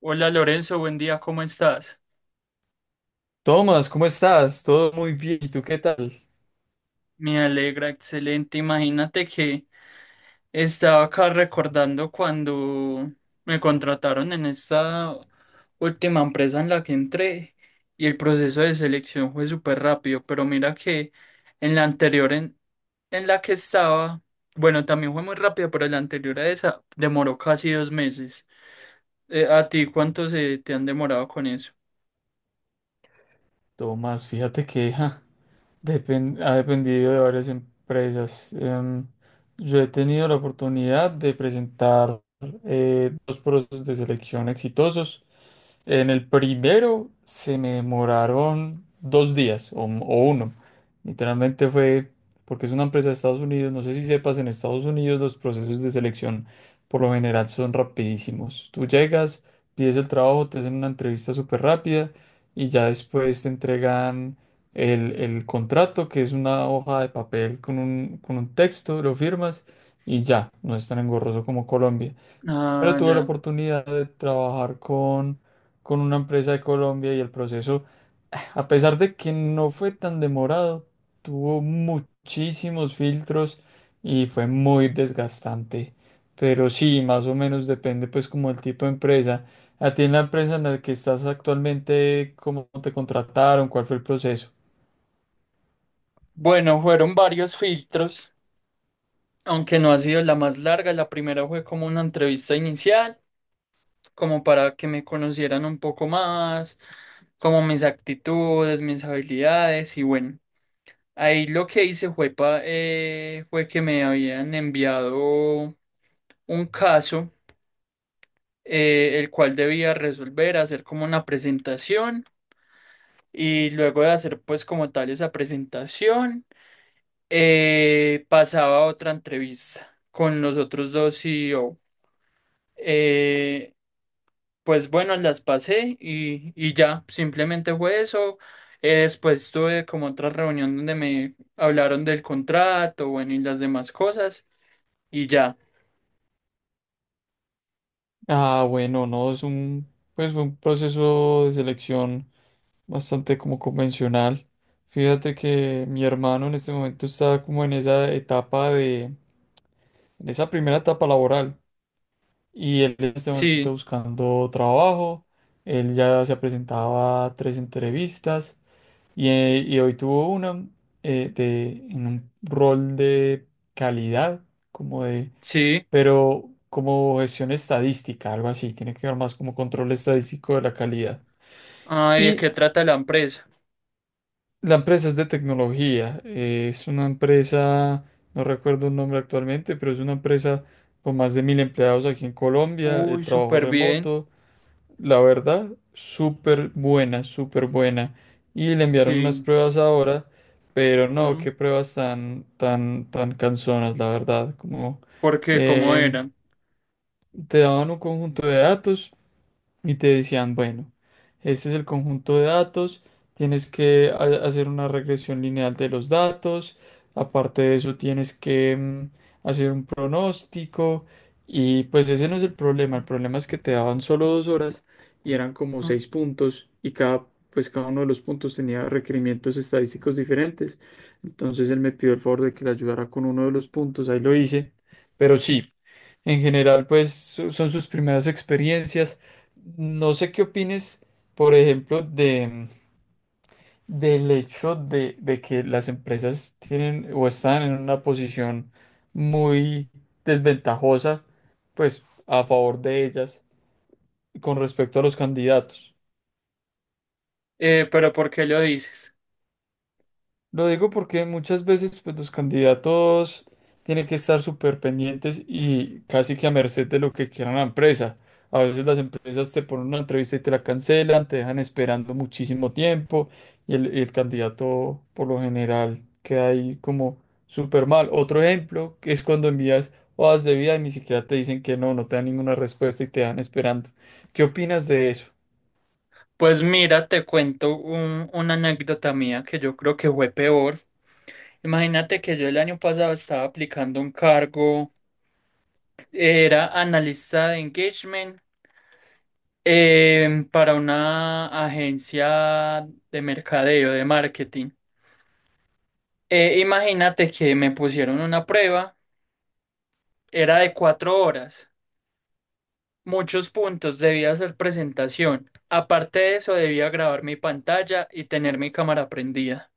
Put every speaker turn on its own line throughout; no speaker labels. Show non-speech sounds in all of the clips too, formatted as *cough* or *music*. Hola Lorenzo, buen día, ¿cómo estás?
Tomás, ¿cómo estás? Todo muy bien. ¿Y tú qué tal?
Me alegra, excelente. Imagínate que estaba acá recordando cuando me contrataron en esta última empresa en la que entré y el proceso de selección fue súper rápido, pero mira que en la anterior en la que estaba, bueno, también fue muy rápido, pero la anterior a esa demoró casi dos meses. ¿A ti cuánto se te han demorado con eso?
Tomás, fíjate que ha dependido de varias empresas. Yo he tenido la oportunidad de presentar dos procesos de selección exitosos. En el primero se me demoraron 2 días o uno. Literalmente fue porque es una empresa de Estados Unidos. No sé si sepas, en Estados Unidos los procesos de selección por lo general son rapidísimos. Tú llegas, pides el trabajo, te hacen una entrevista súper rápida y ya después te entregan el contrato, que es una hoja de papel con un texto, lo firmas y ya, no es tan engorroso como Colombia, pero
Ah,
tuve la
ya.
oportunidad de trabajar con una empresa de Colombia y el proceso, *sighs* a pesar de que no fue tan demorado, tuvo muchísimos filtros y fue muy desgastante. Pero sí, más o menos depende pues como el tipo de empresa. A ti en la empresa en la que estás actualmente, ¿cómo te contrataron? ¿Cuál fue el proceso?
Bueno, fueron varios filtros, aunque no ha sido la más larga. La primera fue como una entrevista inicial, como para que me conocieran un poco más, como mis actitudes, mis habilidades y bueno, ahí lo que hice fue, fue que me habían enviado un caso, el cual debía resolver, hacer como una presentación y luego de hacer pues como tal esa presentación. Pasaba a otra entrevista con los otros dos CEO. Eh, pues bueno, las pasé y ya, simplemente fue eso. Después tuve como otra reunión donde me hablaron del contrato, bueno, y las demás cosas y ya.
Ah, bueno, no, pues fue un proceso de selección bastante como convencional. Fíjate que mi hermano en este momento está como en esa primera etapa laboral y él en este momento está
Sí,
buscando trabajo. Él ya se presentaba a tres entrevistas y hoy tuvo una en un rol de calidad, como de,
sí.
pero como gestión estadística, algo así. Tiene que ver más como control estadístico de la calidad.
Ay, ¿de
Y
qué trata la empresa?
la empresa es de tecnología, es una empresa, no recuerdo el nombre actualmente, pero es una empresa con más de mil empleados aquí en Colombia,
Uy,
el trabajo
súper bien.
remoto, la verdad, súper buena, súper buena. Y le enviaron unas
Sí.
pruebas ahora, pero no,
Mm,
qué pruebas tan, tan, tan cansonas, la verdad, como
¿por qué? ¿Cómo
eh,
era?
te daban un conjunto de datos y te decían, bueno, este es el conjunto de datos, tienes que hacer una regresión lineal de los datos, aparte de eso tienes que hacer un pronóstico, y pues ese no es el problema es que te daban solo 2 horas y eran como
Mm,
seis puntos, y pues cada uno de los puntos tenía requerimientos estadísticos diferentes. Entonces él me pidió el favor de que le ayudara con uno de los puntos, ahí lo hice, pero sí. En general, pues son sus primeras experiencias. No sé qué opines, por ejemplo, del hecho de que las empresas tienen o están en una posición muy desventajosa, pues a favor de ellas con respecto a los candidatos.
pero ¿por qué lo dices?
Lo digo porque muchas veces pues, los candidatos tienen que estar súper pendientes y casi que a merced de lo que quiera la empresa. A veces las empresas te ponen una entrevista y te la cancelan, te dejan esperando muchísimo tiempo y el candidato por lo general queda ahí como súper mal. Otro ejemplo que es cuando envías hojas de vida y ni siquiera te dicen que no, no te dan ninguna respuesta y te dejan esperando. ¿Qué opinas de eso?
Pues mira, te cuento una anécdota mía que yo creo que fue peor. Imagínate que yo el año pasado estaba aplicando un cargo, era analista de engagement, para una agencia de mercadeo, de marketing. Imagínate que me pusieron una prueba, era de cuatro horas, muchos puntos, debía hacer presentación. Aparte de eso, debía grabar mi pantalla y tener mi cámara prendida.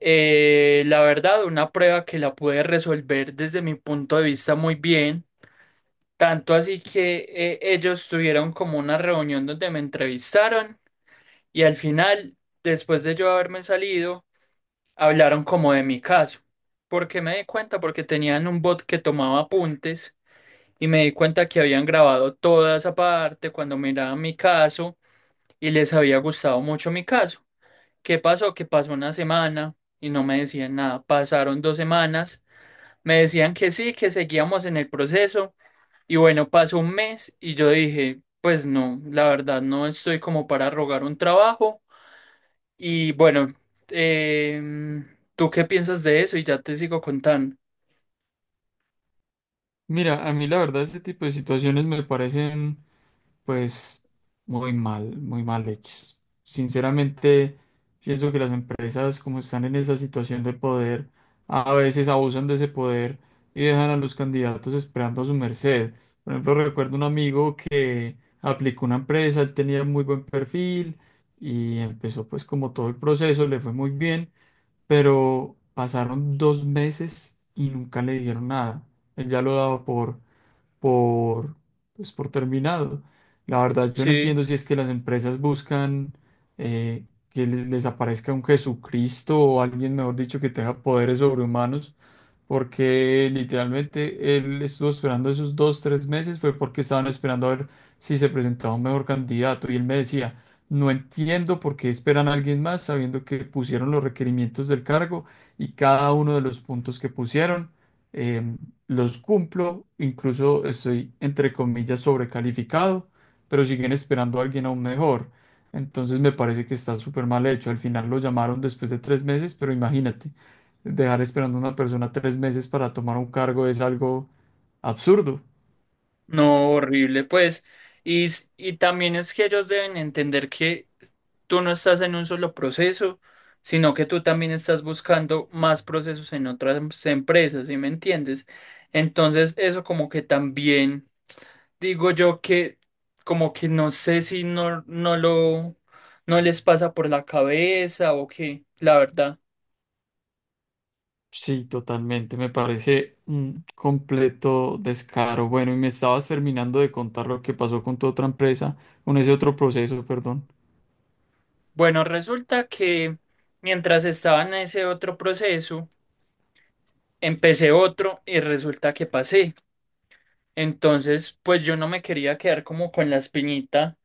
La verdad, una prueba que la pude resolver desde mi punto de vista muy bien, tanto así que ellos tuvieron como una reunión donde me entrevistaron y al final, después de yo haberme salido, hablaron como de mi caso. ¿Porque me di cuenta? Porque tenían un bot que tomaba apuntes y me di cuenta que habían grabado toda esa parte cuando miraban mi caso y les había gustado mucho mi caso. ¿Qué pasó? Que pasó una semana y no me decían nada. Pasaron dos semanas, me decían que sí, que seguíamos en el proceso. Y bueno, pasó un mes y yo dije, pues no, la verdad no estoy como para rogar un trabajo. Y bueno, em, ¿tú qué piensas de eso? Y ya te sigo contando.
Mira, a mí la verdad ese tipo de situaciones me parecen pues muy mal hechos. Sinceramente, pienso que las empresas, como están en esa situación de poder, a veces abusan de ese poder y dejan a los candidatos esperando a su merced. Por ejemplo, recuerdo un amigo que aplicó una empresa, él tenía muy buen perfil y empezó pues como todo el proceso, le fue muy bien, pero pasaron 2 meses y nunca le dijeron nada. Él ya lo daba por, pues, por terminado. La verdad, yo no
Sí.
entiendo si es que las empresas buscan eh, que les aparezca un Jesucristo o alguien, mejor dicho, que tenga poderes sobrehumanos, porque literalmente él estuvo esperando esos 2, 3 meses, fue porque estaban esperando a ver si se presentaba un mejor candidato. Y él me decía, no entiendo por qué esperan a alguien más, sabiendo que pusieron los requerimientos del cargo y cada uno de los puntos que pusieron, em, los cumplo, incluso estoy, entre comillas, sobrecalificado, pero siguen esperando a alguien aún mejor. Entonces me parece que está súper mal hecho. Al final lo llamaron después de 3 meses, pero imagínate. Dejar esperando a una persona 3 meses para tomar un cargo es algo absurdo.
No, horrible, pues. Y, y también es que ellos deben entender que tú no estás en un solo proceso, sino que tú también estás buscando más procesos en otras empresas, ¿sí me entiendes? Entonces, eso como que también digo yo que como que no sé si no les pasa por la cabeza o qué, la verdad.
Sí, totalmente. Me parece un completo descaro. Bueno, y me estabas terminando de contar lo que pasó con tu otra empresa, con ese otro proceso, perdón.
Bueno, resulta que mientras estaba en ese otro proceso, empecé otro y resulta que pasé. Entonces, pues yo no me quería quedar como con la espinita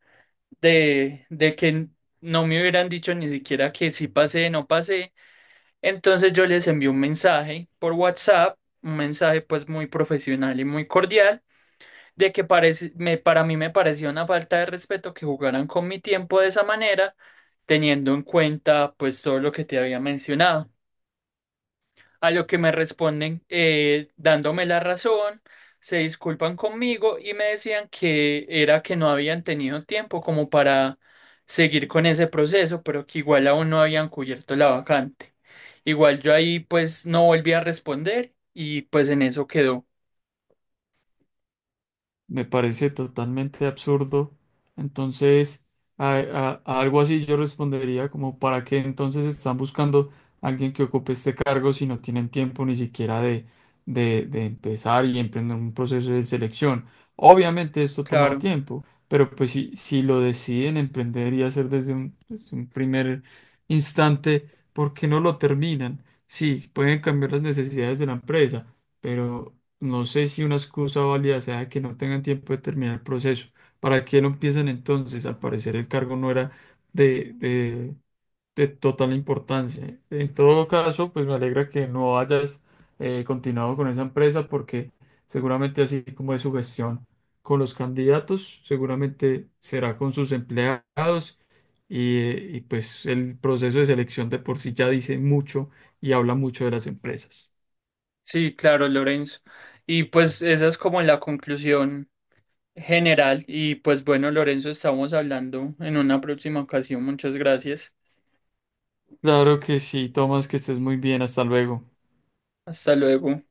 de que no me hubieran dicho ni siquiera que sí pasé, no pasé. Entonces yo les envié un mensaje por WhatsApp, un mensaje pues muy profesional y muy cordial, de que parece, me, para mí me parecía una falta de respeto que jugaran con mi tiempo de esa manera, teniendo en cuenta pues todo lo que te había mencionado. A lo que me responden, dándome la razón, se disculpan conmigo y me decían que era que no habían tenido tiempo como para seguir con ese proceso, pero que igual aún no habían cubierto la vacante. Igual yo ahí pues no volví a responder y pues en eso quedó.
Me parece totalmente absurdo. Entonces, a algo así yo respondería como, ¿para qué entonces están buscando a alguien que ocupe este cargo si no tienen tiempo ni siquiera de empezar y emprender un proceso de selección? Obviamente esto toma
Claro,
tiempo, pero pues si lo deciden emprender y hacer desde un primer instante, ¿por qué no lo terminan? Sí, pueden cambiar las necesidades de la empresa, pero no sé si una excusa válida sea que no tengan tiempo de terminar el proceso. ¿Para qué lo empiezan entonces? Al parecer el cargo no era de, de- de total importancia. En todo caso, pues me alegra que no hayas continuado con esa empresa porque seguramente así como es su gestión con los candidatos, seguramente será con sus empleados y pues el proceso de selección de por sí ya dice mucho y habla mucho de las empresas.
sí, claro, Lorenzo. Y pues esa es como la conclusión general. Y pues bueno, Lorenzo, estamos hablando en una próxima ocasión. Muchas gracias.
Claro que sí, Tomás, que estés muy bien, hasta luego.
Hasta luego.